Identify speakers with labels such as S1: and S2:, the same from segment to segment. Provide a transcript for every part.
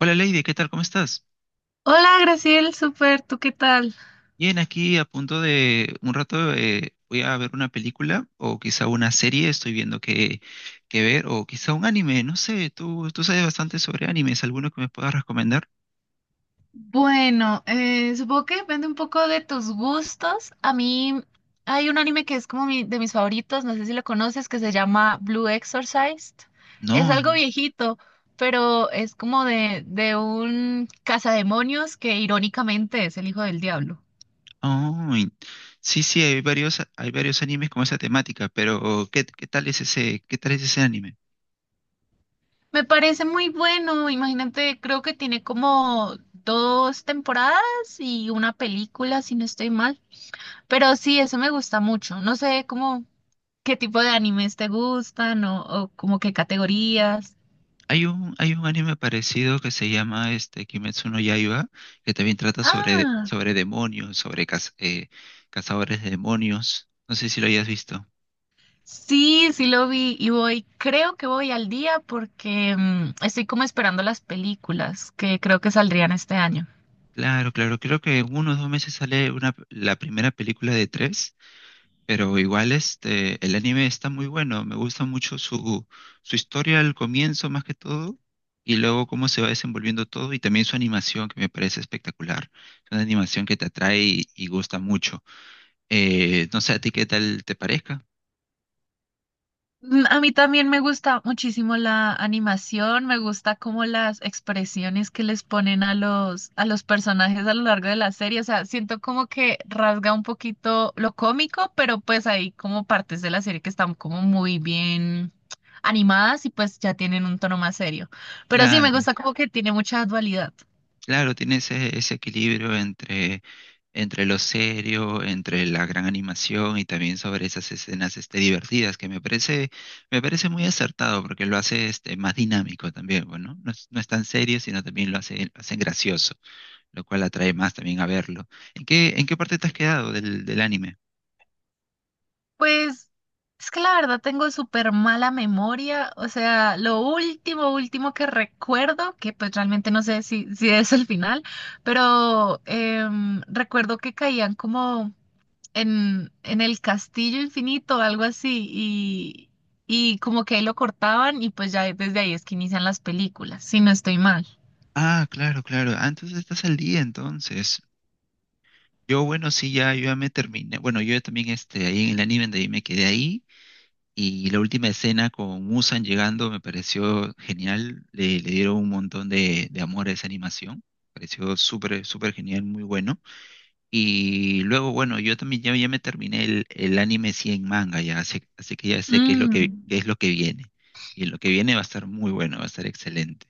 S1: Hola Lady, ¿qué tal? ¿Cómo estás?
S2: Hola, Graciel, súper, ¿tú qué tal?
S1: Bien, aquí a punto de un rato voy a ver una película o quizá una serie, estoy viendo qué ver, o quizá un anime, no sé, tú sabes bastante sobre animes, ¿alguno que me puedas recomendar?
S2: Bueno, supongo que depende un poco de tus gustos. A mí hay un anime que es como de mis favoritos, no sé si lo conoces, que se llama Blue Exorcist. Es
S1: No,
S2: algo viejito, pero es como de un cazademonios que irónicamente es el hijo del diablo.
S1: ay, sí, sí, hay varios animes con esa temática, pero ¿qué tal es ese, qué tal es ese anime?
S2: Me parece muy bueno, imagínate, creo que tiene como dos temporadas y una película, si no estoy mal. Pero sí, eso me gusta mucho. No sé cómo. ¿Qué tipo de animes te gustan o como qué categorías?
S1: Hay un anime parecido que se llama Kimetsu no Yaiba, que también trata sobre,
S2: Ah,
S1: sobre demonios, sobre cazadores de demonios. No sé si lo hayas visto.
S2: sí, sí lo vi y voy, creo que voy al día porque estoy como esperando las películas que creo que saldrían este año.
S1: Claro, claro, creo que en unos 2 meses sale una, la primera película de tres, pero igual el anime está muy bueno, me gusta mucho su historia al comienzo más que todo, y luego cómo se va desenvolviendo todo, y también su animación que me parece espectacular. Es una animación que te atrae y gusta mucho. No sé a ti qué tal te parezca.
S2: Mm, a mí también me gusta muchísimo la animación, me gusta como las expresiones que les ponen a los personajes a lo largo de la serie, o sea, siento como que rasga un poquito lo cómico, pero pues hay como partes de la serie que están como muy bien animadas y pues ya tienen un tono más serio. Pero sí, me
S1: Claro,
S2: gusta como que tiene mucha dualidad.
S1: claro, tiene ese equilibrio entre lo serio, entre la gran animación y también sobre esas escenas divertidas, me parece muy acertado porque lo hace más dinámico también, bueno, No es, no es tan serio, sino también lo hacen gracioso, lo cual atrae más también a verlo. ¿En qué parte te has quedado del anime?
S2: Pues es que la verdad tengo súper mala memoria, o sea, lo último que recuerdo, que pues realmente no sé si es el final, pero recuerdo que caían como en el castillo infinito, algo así, y como que ahí lo cortaban y pues ya desde ahí es que inician las películas, si no estoy mal.
S1: Ah, claro, claro. Ah, entonces estás al día entonces. Yo, bueno, sí, ya, yo ya me terminé. Bueno, yo también, ahí en el anime de ahí me quedé ahí. Y la última escena con Musan llegando me pareció genial. Le dieron un montón de amor a esa animación. Pareció súper, súper genial, muy bueno. Y luego, bueno, yo también ya, ya me terminé el anime sí en manga ya. Así, así que ya sé qué es
S2: Mm,
S1: qué es lo que viene. Y lo que viene va a estar muy bueno, va a estar excelente.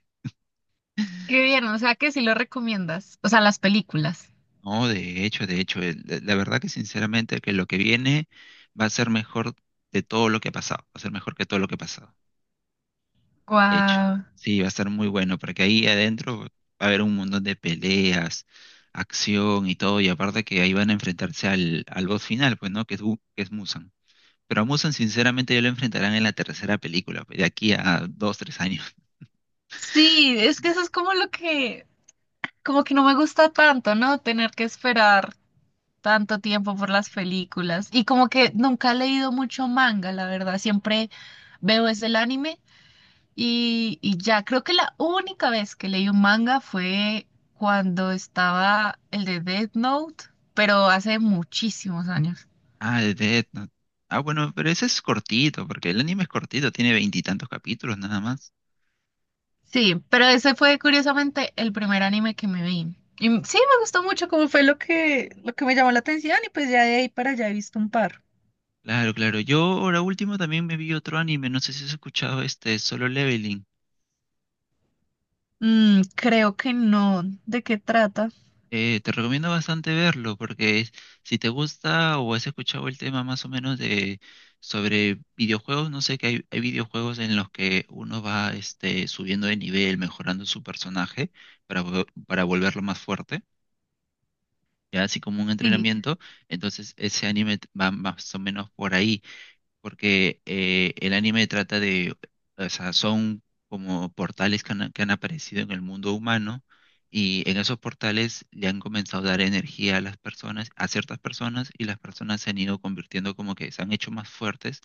S2: qué bien, o sea que sí lo recomiendas, o sea, las películas.
S1: No, de hecho, la verdad que sinceramente que lo que viene va a ser mejor de todo lo que ha pasado, va a ser mejor que todo lo que ha pasado, de hecho.
S2: Guau.
S1: Sí, va a ser muy bueno, porque ahí adentro va a haber un montón de peleas, acción y todo, y aparte que ahí van a enfrentarse al boss final, pues, ¿no? Que es, que es Musan. Pero a Musan, sinceramente, ya lo enfrentarán en la tercera película, pues, de aquí a dos, 3 años.
S2: Sí, es que eso es como lo que como que no me gusta tanto, ¿no? Tener que esperar tanto tiempo por las películas. Y como que nunca he leído mucho manga, la verdad. Siempre veo es el anime y ya creo que la única vez que leí un manga fue cuando estaba el de Death Note, pero hace muchísimos años.
S1: Ah, de Death Note. Ah, bueno, pero ese es cortito, porque el anime es cortito, tiene 20 y tantos capítulos nada más.
S2: Sí, pero ese fue curiosamente el primer anime que me vi. Y sí, me gustó mucho como fue lo que me llamó la atención y pues ya de ahí para allá he visto un par.
S1: Claro, claro. Yo ahora último también me vi otro anime, no sé si has escuchado Solo Leveling.
S2: Mm, creo que no. ¿De qué trata?
S1: Te recomiendo bastante verlo si te gusta o has escuchado el tema más o menos de sobre videojuegos, no sé que hay videojuegos en los que uno va subiendo de nivel, mejorando su personaje para volverlo más fuerte, ya así como un
S2: Sí,
S1: entrenamiento. Entonces ese anime va más o menos por ahí porque el anime trata de, o sea, son como portales que han aparecido en el mundo humano y en esos portales le han comenzado a dar energía a las personas, a ciertas personas y las personas se han ido convirtiendo como que se han hecho más fuertes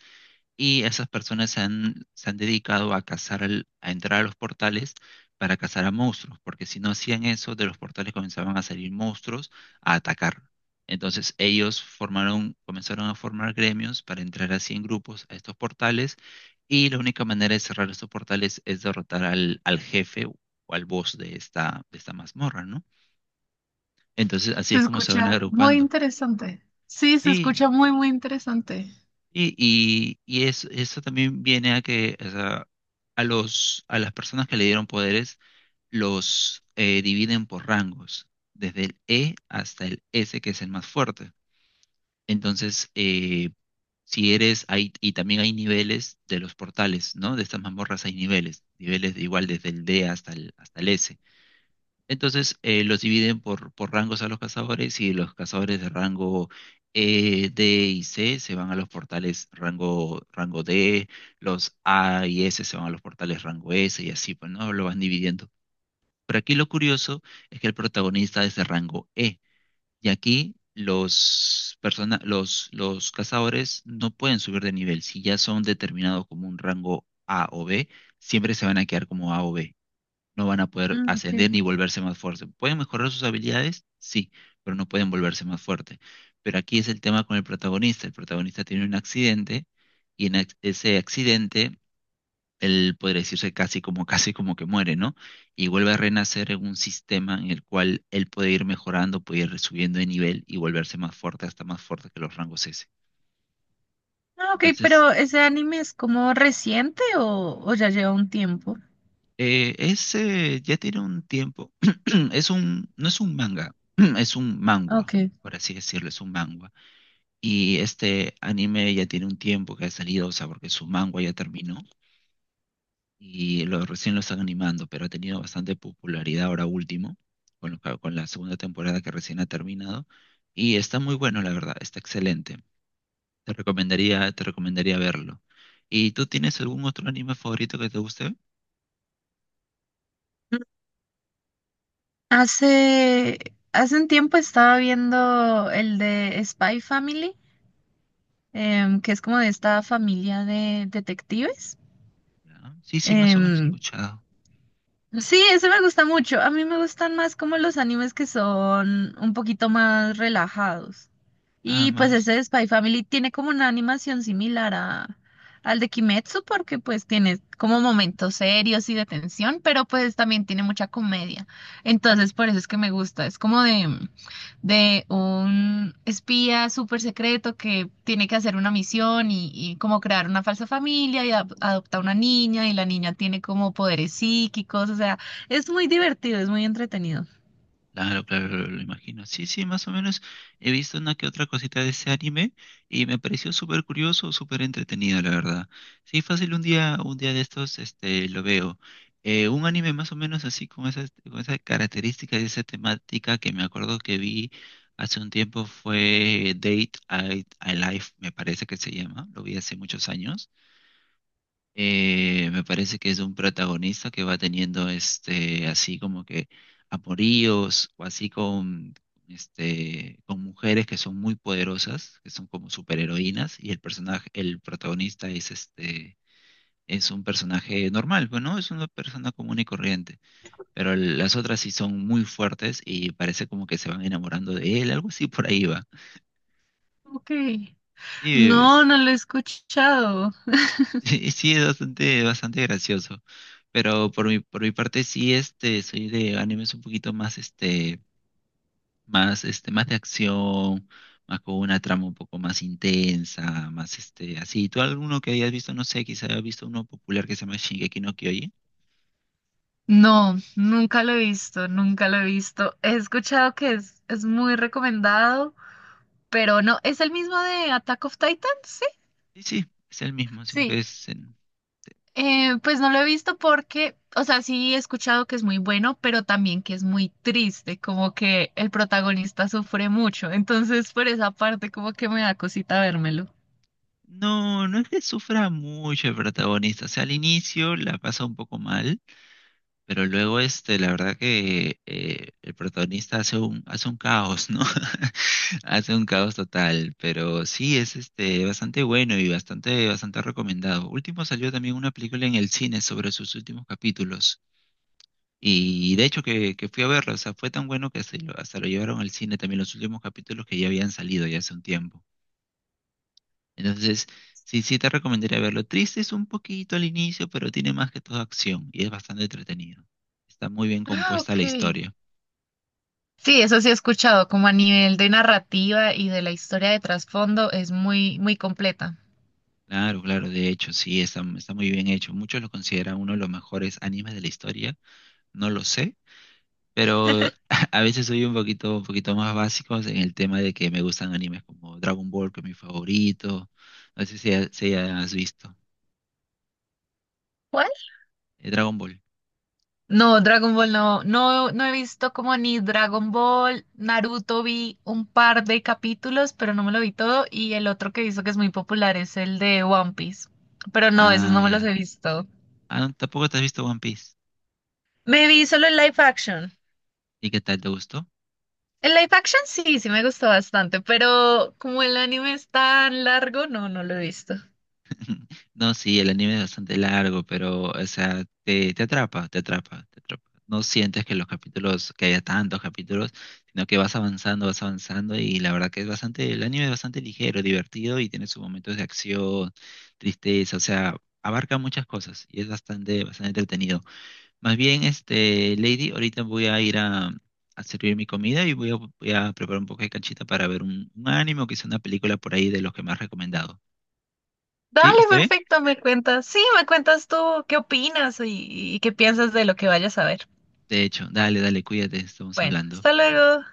S1: y esas personas se han dedicado a cazar, a entrar a los portales para cazar a monstruos, porque si no hacían eso, de los portales comenzaban a salir monstruos a atacar. Entonces ellos formaron, comenzaron a formar gremios para entrar así en grupos a estos portales y la única manera de cerrar estos portales es derrotar al jefe o al boss de esta mazmorra, ¿no? Entonces así
S2: se
S1: es como se van
S2: escucha muy
S1: agrupando.
S2: interesante. Sí, se
S1: Sí,
S2: escucha muy interesante.
S1: Eso también viene a que o sea, a las personas que le dieron poderes los dividen por rangos, desde el E hasta el S, que es el más fuerte. Entonces, si eres, hay, y también hay niveles de los portales, ¿no? De estas mazmorras hay niveles, niveles de igual desde el D hasta el S. Entonces los dividen por rangos a los cazadores y los cazadores de rango D y C se van a los portales rango D, los A y S se van a los portales rango S y así, pues no lo van dividiendo. Pero aquí lo curioso es que el protagonista es de rango E y aquí los cazadores no pueden subir de nivel. Si ya son determinados como un rango A o B, siempre se van a quedar como A o B, no van a poder
S2: Mm, ok.
S1: ascender ni volverse más fuertes. Pueden mejorar sus habilidades, sí, pero no pueden volverse más fuertes. Pero aquí es el tema con el protagonista. El protagonista tiene un accidente y ese accidente él podría decirse casi como casi como que muere, ¿no? Y vuelve a renacer en un sistema en el cual él puede ir mejorando, puede ir subiendo de nivel y volverse más fuerte, hasta más fuerte que los rangos S.
S2: Ah, ok,
S1: Entonces,
S2: pero ¿ese anime es como reciente o ya lleva un tiempo?
S1: Ese ya tiene un tiempo. No es un manga, es un
S2: Ok.
S1: mangua, por así decirlo, es un mangua. Y este anime ya tiene un tiempo que ha salido, o sea, porque su mangua ya terminó y recién lo están animando, pero ha tenido bastante popularidad ahora último, con la segunda temporada que recién ha terminado. Y está muy bueno, la verdad, está excelente. Te recomendaría verlo. ¿Y tú tienes algún otro anime favorito que te guste?
S2: Mm, Hace, hace un tiempo estaba viendo el de Spy Family, que es como de esta familia de detectives.
S1: Ya. Sí, sí, más o menos he
S2: Em,
S1: escuchado.
S2: Sí, eso me gusta mucho. A mí me gustan más como los animes que son un poquito más relajados.
S1: Nada
S2: Y pues
S1: más.
S2: ese Spy Family tiene como una animación similar a, al de Kimetsu porque pues tiene como momentos serios y de tensión, pero pues también tiene mucha comedia. Entonces por eso es que me gusta. Es como de un espía súper secreto que tiene que hacer una misión y como crear una falsa familia y adopta una niña y la niña tiene como poderes psíquicos. O sea, es muy divertido, es muy entretenido.
S1: Claro, claro, claro, lo imagino. Sí, sí, más o menos he visto una que otra cosita de ese anime y me pareció súper curioso, súper entretenido, la verdad. Sí, fácil un día de estos, lo veo. Un anime más o menos así con con esa característica y esa temática que me acuerdo que vi hace un tiempo fue Date I, I Life, me parece que se llama. Lo vi hace muchos años. Me parece que es un protagonista que va teniendo así como que amoríos o así con con mujeres que son muy poderosas, que son como superheroínas y el protagonista es un personaje normal, pues, ¿no? Es una persona común y corriente, pero las otras sí son muy fuertes y parece como que se van enamorando de él, algo así por ahí va.
S2: Ok.
S1: Sí,
S2: No, no lo he escuchado.
S1: sí, sí, es bastante, bastante gracioso. Pero por mi parte sí, soy de animes un poquito más, más, más de acción, más con una trama un poco más intensa, más, así. ¿Tú alguno que hayas visto? No sé, quizá hayas visto uno popular que se llama Shingeki no Kyojin.
S2: No, nunca lo he visto, nunca lo he visto. He escuchado que es muy recomendado, pero no, es el mismo de Attack of Titan, sí,
S1: Sí, sí, es el mismo, sino
S2: sí.
S1: que es... en-
S2: Pues no lo he visto porque, o sea, sí he escuchado que es muy bueno, pero también que es muy triste, como que el protagonista sufre mucho. Entonces, por esa parte, como que me da cosita vérmelo.
S1: No, no es que sufra mucho el protagonista. O sea, al inicio la pasa un poco mal. Pero luego, la verdad que el protagonista hace un caos, ¿no? Hace un caos total. Pero sí, es bastante bueno y bastante, bastante recomendado. Último salió también una película en el cine sobre sus últimos capítulos. Y de hecho que fui a verla, o sea, fue tan bueno que hasta lo llevaron al cine también los últimos capítulos que ya habían salido ya hace un tiempo. Entonces, sí, sí te recomendaría verlo. Triste es un poquito al inicio, pero tiene más que todo acción y es bastante entretenido. Está muy bien
S2: Ah,
S1: compuesta
S2: ok.
S1: la historia.
S2: Sí, eso sí he escuchado, como a nivel de narrativa y de la historia de trasfondo, es muy completa.
S1: Claro, claro, de hecho, sí, está muy bien hecho. Muchos lo consideran uno de los mejores animes de la historia, no lo sé, pero a veces soy un poquito más básicos en el tema de que me gustan animes como Dragon Ball, que es mi favorito. No sé si has visto. Dragon Ball.
S2: No, Dragon Ball no, no, no he visto como ni Dragon Ball, Naruto vi un par de capítulos, pero no me lo vi todo, y el otro que he visto que es muy popular es el de One Piece, pero no, esos
S1: Ah,
S2: no me los
S1: ya.
S2: he visto.
S1: Ah, no, tampoco te has visto One Piece.
S2: Me vi solo el live action.
S1: ¿Y qué tal? ¿Te gustó?
S2: El live action sí, sí me gustó bastante, pero como el anime es tan largo, no, no lo he visto.
S1: No, sí, el anime es bastante largo, pero, o sea, te atrapa, te atrapa, te atrapa. No sientes que los capítulos, que haya tantos capítulos, sino que vas avanzando y la verdad que es bastante, el anime es bastante ligero, divertido y tiene sus momentos de acción, tristeza, o sea, abarca muchas cosas y es bastante, bastante entretenido. Más bien, Lady, ahorita voy a ir a servir mi comida y voy a, voy a preparar un poco de canchita para ver un anime o quizá una película por ahí de los que me has recomendado. ¿Sí?
S2: Dale,
S1: ¿Está bien?
S2: perfecto, me cuentas. Sí, me cuentas tú qué opinas y qué piensas de lo que vayas a ver.
S1: De hecho, dale, dale, cuídate, estamos
S2: Bueno,
S1: hablando.
S2: hasta luego.